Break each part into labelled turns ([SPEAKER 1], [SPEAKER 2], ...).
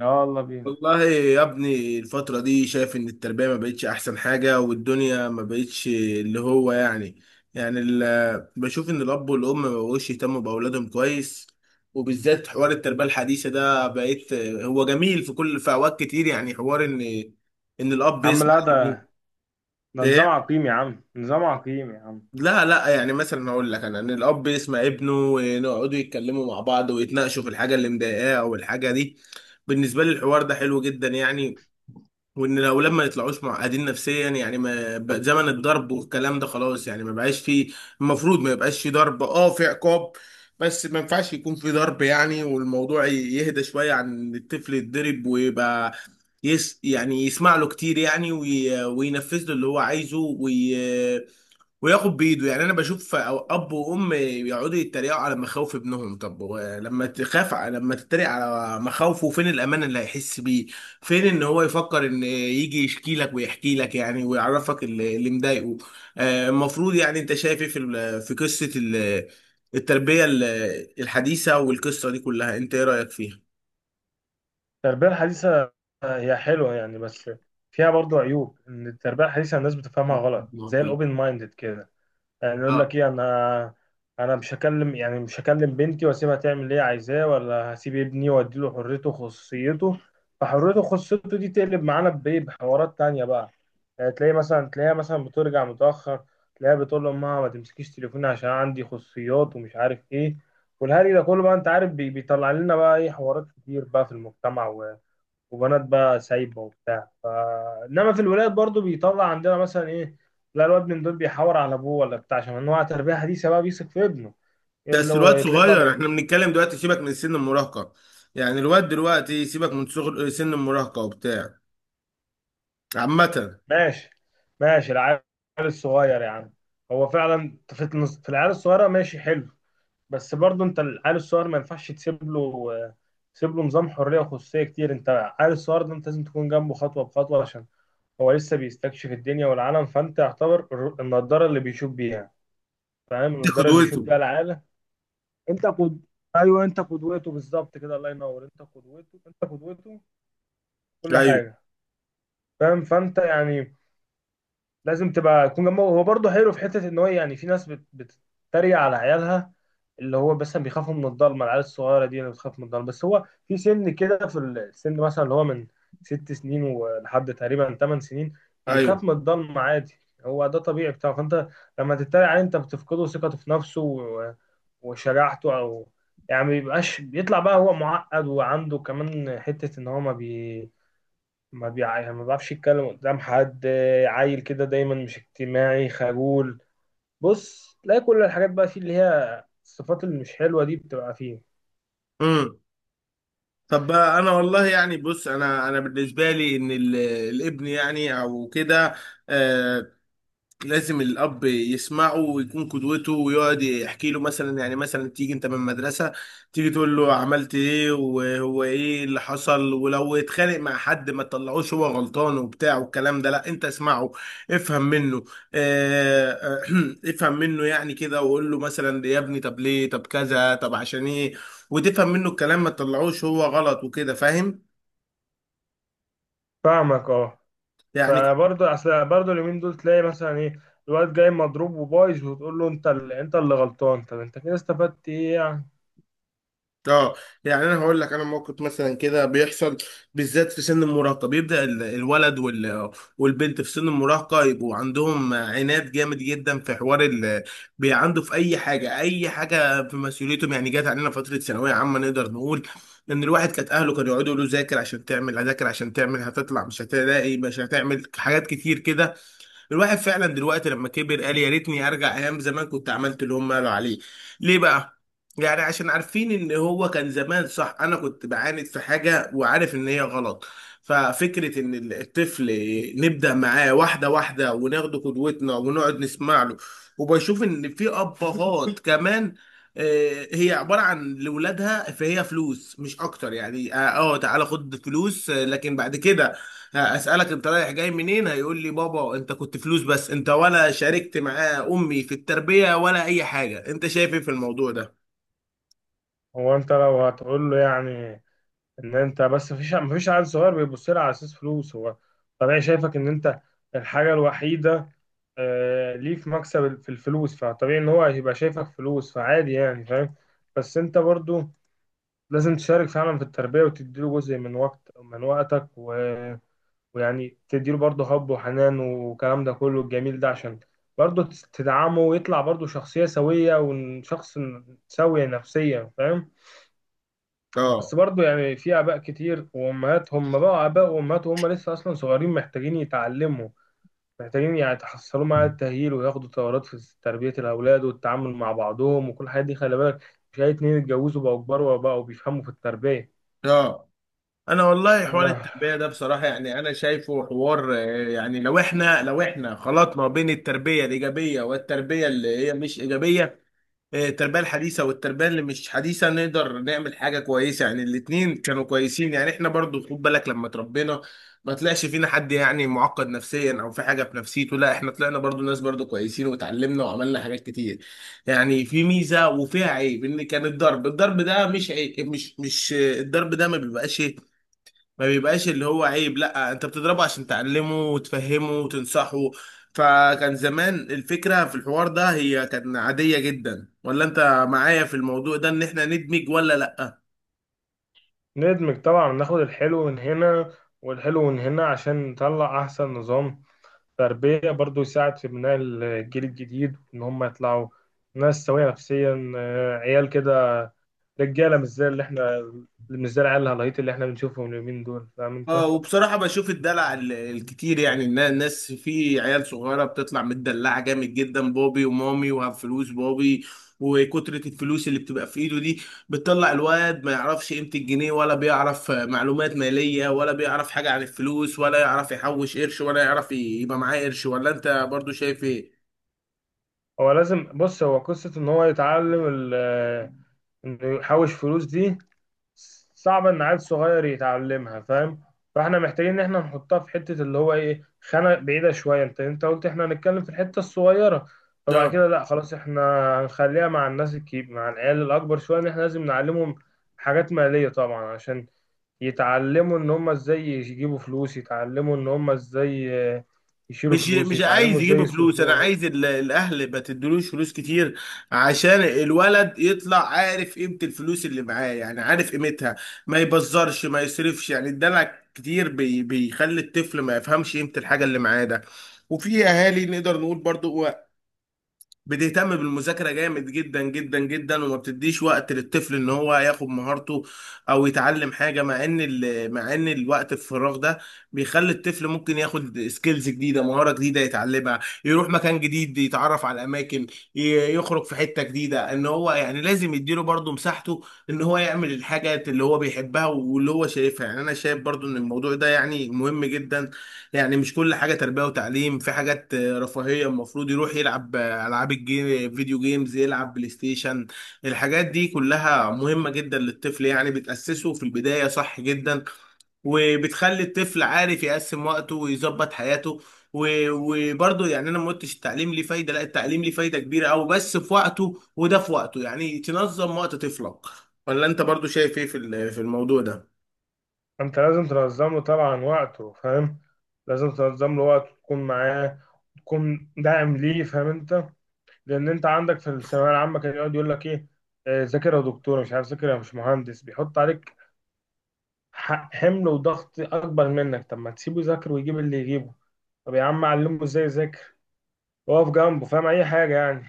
[SPEAKER 1] اه، والله بينا.
[SPEAKER 2] والله يا ابني، الفترة دي شايف ان التربية ما بقتش احسن حاجة، والدنيا ما بقتش اللي هو بشوف ان الاب والام ما بقوش يهتموا باولادهم كويس. وبالذات حوار التربية الحديثة ده بقيت هو جميل في كل في اوقات كتير، يعني حوار ان الاب
[SPEAKER 1] يا عم
[SPEAKER 2] يسمع
[SPEAKER 1] لا،
[SPEAKER 2] ابنه.
[SPEAKER 1] ده
[SPEAKER 2] إيه؟
[SPEAKER 1] نظام عقيم يا عم، نظام عقيم يا عم.
[SPEAKER 2] لا لا، يعني مثلا هقول لك ان الاب يسمع ابنه ويقعدوا يتكلموا مع بعض ويتناقشوا في الحاجة اللي مضايقاه او الحاجة دي. بالنسبة لي الحوار ده حلو جدا يعني، وان الاولاد ما يطلعوش معقدين نفسيا. يعني ما بقى زمن الضرب والكلام ده، خلاص يعني ما بقاش فيه. المفروض ما يبقاش فيه ضرب، اه، في عقاب. بس ما ينفعش يكون فيه ضرب يعني، والموضوع يهدى شوية عن إن الطفل يتضرب ويبقى يس يعني يسمع له كتير يعني، وينفذ له اللي هو عايزه، وياخد بايده يعني. انا بشوف اب وام يقعدوا يتريقوا على مخاوف ابنهم، طب هو لما تخاف لما تتريق على مخاوفه، فين الامان اللي هيحس بيه؟ فين ان هو يفكر ان يجي يشكي لك ويحكي لك يعني ويعرفك اللي مضايقه. آه، المفروض يعني انت شايف ايه في في قصة التربية الحديثة، والقصة دي كلها انت ايه رأيك فيها؟
[SPEAKER 1] التربية الحديثة هي حلوة يعني، بس فيها برضو عيوب، إن التربية الحديثة الناس بتفهمها غلط زي
[SPEAKER 2] نعطيه.
[SPEAKER 1] الأوبن مايندد كده. يعني يقول
[SPEAKER 2] اه.
[SPEAKER 1] لك ايه، انا مش هكلم، بنتي واسيبها تعمل اللي هي عايزاه، ولا هسيب ابني واديله حريته وخصوصيته. فحريته وخصوصيته دي تقلب معانا بايه، بحوارات تانية بقى. يعني تلاقيها مثلا بترجع متأخر، تلاقيها بتقول لأمها ما تمسكيش تليفوني عشان عندي خصوصيات ومش عارف ايه. والهري ده كله بقى، انت عارف، بيطلع لنا بقى ايه، حوارات كتير بقى في المجتمع، وبنات بقى سايبه وبتاع. انما في الولاد برضو بيطلع عندنا مثلا ايه؟ لا الواد من دول بيحور على ابوه ولا بتاع، عشان انواع تربيه حديثه بقى بيثق في ابنه. إيه اللي
[SPEAKER 2] بس
[SPEAKER 1] هو
[SPEAKER 2] الواد
[SPEAKER 1] يتلاقي بقى
[SPEAKER 2] صغير،
[SPEAKER 1] بيح...
[SPEAKER 2] احنا بنتكلم دلوقتي سيبك من سن المراهقة، يعني الواد دلوقتي سيبك من صغر سن المراهقة وبتاع. عامة.
[SPEAKER 1] ماشي، ماشي، العيال الصغير يا عم، هو فعلا في العيال الصغيره ماشي حلو. بس برضو انت العيال الصغير ما ينفعش تسيب له نظام حريه وخصوصيه كتير. انت العيال الصغير ده انت لازم تكون جنبه خطوه بخطوه، عشان هو لسه بيستكشف الدنيا والعالم، فانت يعتبر النضاره اللي بيشوف بيها. فاهم؟
[SPEAKER 2] دي
[SPEAKER 1] النضاره اللي
[SPEAKER 2] قدوته.
[SPEAKER 1] بيشوف بيها العالم. انت قد ايوه انت قدوته بالظبط كده، الله ينور، انت قدوته، انت قدوته في كل
[SPEAKER 2] ايوه.
[SPEAKER 1] حاجه. فاهم؟ فانت يعني لازم تبقى تكون جنبه. هو برضه حلو في حته، ان هو يعني في ناس بتتريق على عيالها، اللي هو مثلا بيخافوا من الضلمه، العيال الصغيره دي اللي بتخاف من الضلمه. بس هو في سن كده، في السن مثلا اللي هو من 6 سنين ولحد تقريبا 8 سنين بيخاف
[SPEAKER 2] ايوه.
[SPEAKER 1] من الضلمه عادي. هو ده طبيعي بتاعه. فانت لما تتريق عليه، انت بتفقده ثقته في نفسه وشجاعته، او يعني ما بيبقاش. بيطلع بقى هو معقد، وعنده كمان حته ان هو ما بي ما بيع... يعني ما بيعرفش يتكلم قدام حد. عيل كده دايما مش اجتماعي، خجول. بص تلاقي كل الحاجات بقى فيه، اللي هي الصفات اللي مش حلوة دي بتبقى فيه.
[SPEAKER 2] امم. طب بقى انا والله يعني، بص، انا بالنسبة لي ان الابن يعني او كده، آه، لازم الاب يسمعه ويكون قدوته ويقعد يحكي له، مثلا يعني، مثلا تيجي انت من المدرسه، تيجي تقول له عملت ايه وهو ايه اللي حصل، ولو اتخانق مع حد ما تطلعوش هو غلطان وبتاع والكلام ده، لا، انت اسمعه، افهم منه. اه، افهم منه يعني كده، وقول له مثلا: يا ابني، طب ليه؟ طب كذا؟ طب عشان ايه؟ وتفهم منه الكلام، ما تطلعوش هو غلط وكده، فاهم
[SPEAKER 1] فاهمك، اه.
[SPEAKER 2] يعني؟
[SPEAKER 1] فبرضه اصل برضه اليومين دول تلاقي مثلا ايه، الواد جاي مضروب وبايظ، وتقول له انت اللي غلطان، طب انت كده استفدت ايه يعني؟
[SPEAKER 2] اه. يعني انا هقول لك، انا موقف مثلا كده بيحصل، بالذات في سن المراهقه بيبدا الولد والبنت في سن المراهقه، يبقوا عندهم عناد جامد جدا في حوار عنده في اي حاجه، اي حاجه في مسؤوليتهم. يعني جات علينا فتره ثانويه عامه، نقدر نقول ان الواحد كانت اهله كانوا يقعدوا يقولوا: ذاكر عشان تعمل، هذاكر عشان تعمل هتطلع، مش هتلاقي، مش هتعمل حاجات كتير كده. الواحد فعلا دلوقتي لما كبر قال يا ريتني ارجع ايام زمان كنت عملت اللي هم قالوا عليه. ليه بقى؟ يعني عشان عارفين ان هو كان زمان صح، انا كنت بعاند في حاجه وعارف ان هي غلط. ففكره ان الطفل نبدا معاه واحده واحده وناخد قدوتنا ونقعد نسمع له. وبشوف ان في ابهات كمان، آه، هي عباره عن لاولادها فهي فلوس مش اكتر يعني، اه، آه، تعالى خد فلوس. آه، لكن بعد كده هسألك انت رايح جاي منين، هيقول لي: بابا انت كنت فلوس بس، انت ولا شاركت معاه امي في التربية ولا اي حاجة. انت شايف ايه في الموضوع ده؟
[SPEAKER 1] هو انت لو هتقول له، يعني ان انت، بس مفيش عيل صغير بيبص لها على اساس فلوس. هو طبيعي شايفك ان انت الحاجه الوحيده، ليه في مكسب في الفلوس، فطبيعي ان هو هيبقى شايفك فلوس، فعادي يعني، فاهم؟ بس انت برضو لازم تشارك فعلا في التربيه، وتديله جزء من وقتك. ويعني تديله برضو حب وحنان والكلام ده كله الجميل ده، عشان برضو تدعمه، ويطلع برضو شخصيه سويه، وشخص سوي نفسيا، فاهم؟
[SPEAKER 2] اه.
[SPEAKER 1] بس برضو يعني في آباء كتير وأمهات، هم بقوا آباء وأمهات وهم لسه أصلا صغيرين، محتاجين يتعلموا، محتاجين يعني يتحصلوا مع التأهيل، وياخدوا دورات في تربية الأولاد والتعامل مع بعضهم وكل الحاجات دي. خلي بالك، مش أي اتنين اتجوزوا بقوا كبار وبقوا بيفهموا في التربية.
[SPEAKER 2] اه. انا والله حوار
[SPEAKER 1] آه.
[SPEAKER 2] التربية ده بصراحة، يعني انا شايفه حوار، آه، يعني لو احنا خلطنا بين التربية الايجابية والتربية اللي هي مش ايجابية، التربية الحديثة والتربية اللي مش حديثة، نقدر نعمل حاجة كويسة يعني، الاتنين كانوا كويسين يعني. احنا برضو خد بالك لما تربينا ما طلعش فينا حد يعني معقد نفسيا او في حاجة في نفسيته، لا، احنا طلعنا برضو ناس برضو كويسين واتعلمنا وعملنا حاجات كتير يعني. في ميزة وفيها عيب. ان كان الضرب، الضرب ده مش عيب، مش الضرب ده ما بيبقاش، اللي هو عيب. لا، انت بتضربه عشان تعلمه وتفهمه وتنصحه. فكان زمان الفكرة في الحوار ده هي كانت عادية جدا. ولا انت معايا في الموضوع ده ان احنا ندمج ولا لا؟
[SPEAKER 1] ندمج طبعا، ناخد الحلو من هنا والحلو من هنا عشان نطلع أحسن نظام تربية. برضو يساعد في بناء الجيل الجديد إن هم يطلعوا ناس سوية نفسيا، عيال كده رجاله، مش زي العيال الهلايط اللي احنا بنشوفهم اليومين دول. فاهم انت؟
[SPEAKER 2] اه. وبصراحة بشوف الدلع الكتير يعني، إن الناس في عيال صغيرة بتطلع متدلعة جامد جدا، بابي ومامي وهب فلوس بابي، وكترة الفلوس اللي بتبقى في ايده دي بتطلع الواد ما يعرفش قيمة الجنيه، ولا بيعرف معلومات مالية، ولا بيعرف حاجة عن الفلوس، ولا يعرف يحوش قرش، ولا يعرف يبقى معاه قرش. ولا انت برضو شايف ايه؟
[SPEAKER 1] هو لازم، بص، هو قصه ان هو يتعلم انه يحوش فلوس دي، صعبه ان عيل صغير يتعلمها. فاهم؟ فاحنا محتاجين ان احنا نحطها في حته، اللي هو ايه، خانه بعيده شويه. انت قلت احنا هنتكلم في الحته الصغيره. فبعد
[SPEAKER 2] اه.
[SPEAKER 1] كده لا، خلاص احنا هنخليها مع الناس الكبير مع العيال الاكبر شويه، ان احنا لازم نعلمهم حاجات ماليه طبعا، عشان يتعلموا ان هم ازاي يجيبوا فلوس، يتعلموا ان هم ازاي آه، يشيلوا
[SPEAKER 2] مش
[SPEAKER 1] فلوس،
[SPEAKER 2] مش
[SPEAKER 1] يتعلموا
[SPEAKER 2] عايز
[SPEAKER 1] ازاي
[SPEAKER 2] يجيبوا فلوس، انا
[SPEAKER 1] يصرفوها.
[SPEAKER 2] عايز الاهل ما تدلوش فلوس كتير عشان الولد يطلع عارف قيمة الفلوس اللي معاه، يعني عارف قيمتها، ما يبزرش، ما يصرفش، يعني الدلع كتير بيخلي الطفل ما يفهمش قيمة الحاجة اللي معاه ده. وفي اهالي نقدر نقول برضو بتهتم بالمذاكرة جامد جدا جدا جدا، وما بتديش وقت للطفل ان هو ياخد مهارته او يتعلم حاجة، مع ان مع ان الوقت الفراغ ده بيخلي الطفل ممكن ياخد سكيلز جديدة، مهارة جديدة يتعلمها، يروح مكان جديد، يتعرف على اماكن، يخرج في حتة جديدة. ان هو يعني لازم يديله برضه مساحته ان هو يعمل الحاجات اللي هو بيحبها واللي هو شايفها. يعني انا شايف برضه ان الموضوع ده يعني مهم جدا، يعني مش كل حاجة تربية وتعليم، في حاجات، آه، رفاهية، المفروض يروح يلعب، آه، ألعاب الجيم، فيديو جيمز، يلعب بلاي ستيشن. الحاجات دي كلها مهمة جدا للطفل يعني، بتأسسه في البداية صح جدا، وبتخلي الطفل عارف يقسم وقته ويظبط حياته. وبرضه يعني انا ما قلتش التعليم ليه فايده، لا، التعليم ليه فايده كبيره قوي، بس في وقته، وده في وقته يعني تنظم وقت طفلك. ولا انت برضه شايف ايه في في الموضوع ده؟
[SPEAKER 1] انت لازم تنظم له طبعا وقته، فاهم؟ لازم تنظم له وقته، تكون معاه، تكون داعم ليه، فاهم انت؟ لان انت عندك في الثانويه العامه كان يقعد يقول لك ايه، ذاكر يا دكتور، مش عارف، ذاكر يا، مش مهندس. بيحط عليك حمل وضغط اكبر منك. طب ما تسيبه يذاكر ويجيب اللي يجيبه، طب يا عم علمه ازاي يذاكر، واقف جنبه. فاهم اي حاجه يعني؟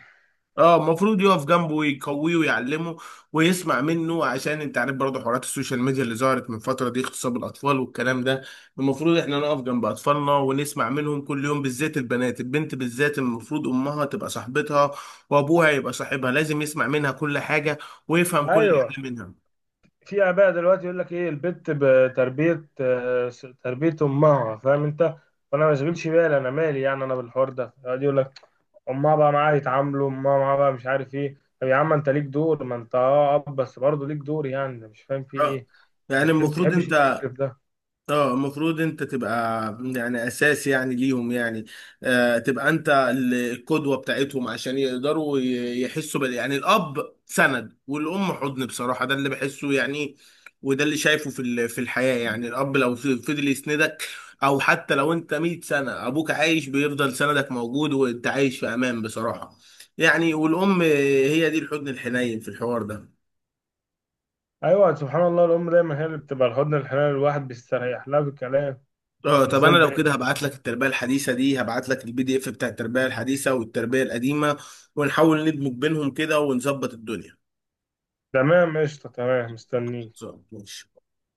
[SPEAKER 2] اه، المفروض يقف جنبه ويقويه ويعلمه ويسمع منه، عشان انت عارف برضه حوارات السوشيال ميديا اللي ظهرت من فتره دي اغتصاب الاطفال والكلام ده. المفروض احنا نقف جنب اطفالنا ونسمع منهم كل يوم، بالذات البنات، البنت بالذات المفروض امها تبقى صاحبتها وابوها يبقى صاحبها، لازم يسمع منها كل حاجه ويفهم كل
[SPEAKER 1] ايوه،
[SPEAKER 2] حاجه منها.
[SPEAKER 1] في اباء دلوقتي يقول لك ايه، البت بتربيه، تربيه امها، فاهم انت؟ فانا ما بشغلش بالي، انا مالي، يعني انا بالحوار ده، يقعد يقول لك امها بقى معاها يتعاملوا، امها معاها بقى، مش عارف ايه. طب يا عم انت ليك دور، ما انت اب، بس برضه ليك دور، يعني أنا مش فاهم في
[SPEAKER 2] اه،
[SPEAKER 1] ايه.
[SPEAKER 2] يعني
[SPEAKER 1] يعني ما
[SPEAKER 2] المفروض
[SPEAKER 1] تحبش
[SPEAKER 2] انت،
[SPEAKER 1] اللي يكرف ده.
[SPEAKER 2] اه، المفروض انت تبقى يعني اساس يعني ليهم يعني، آه، تبقى انت القدوة بتاعتهم عشان يقدروا يحسوا يعني الاب سند والام حضن، بصراحة ده اللي بحسه يعني، وده اللي شايفه في في الحياة. يعني الاب لو فضل يسندك، او حتى لو انت 100 سنة ابوك عايش، بيفضل سندك موجود وانت عايش في امان بصراحة يعني. والام هي دي الحضن الحنين في الحوار ده.
[SPEAKER 1] ايوه، سبحان الله، الام دايما هي اللي بتبقى الحضن الحنان، الواحد بيستريح لها في الكلام.
[SPEAKER 2] اه،
[SPEAKER 1] مش
[SPEAKER 2] طب
[SPEAKER 1] زي
[SPEAKER 2] انا لو كده
[SPEAKER 1] الباقي.
[SPEAKER 2] هبعت لك التربيه الحديثه دي، هبعت لك البي دي اف بتاع التربيه الحديثه والتربيه القديمه، ونحاول ندمج بينهم كده ونظبط الدنيا.
[SPEAKER 1] تمام، قشطه، تمام، مستنيك.
[SPEAKER 2] خلصان. ماشي.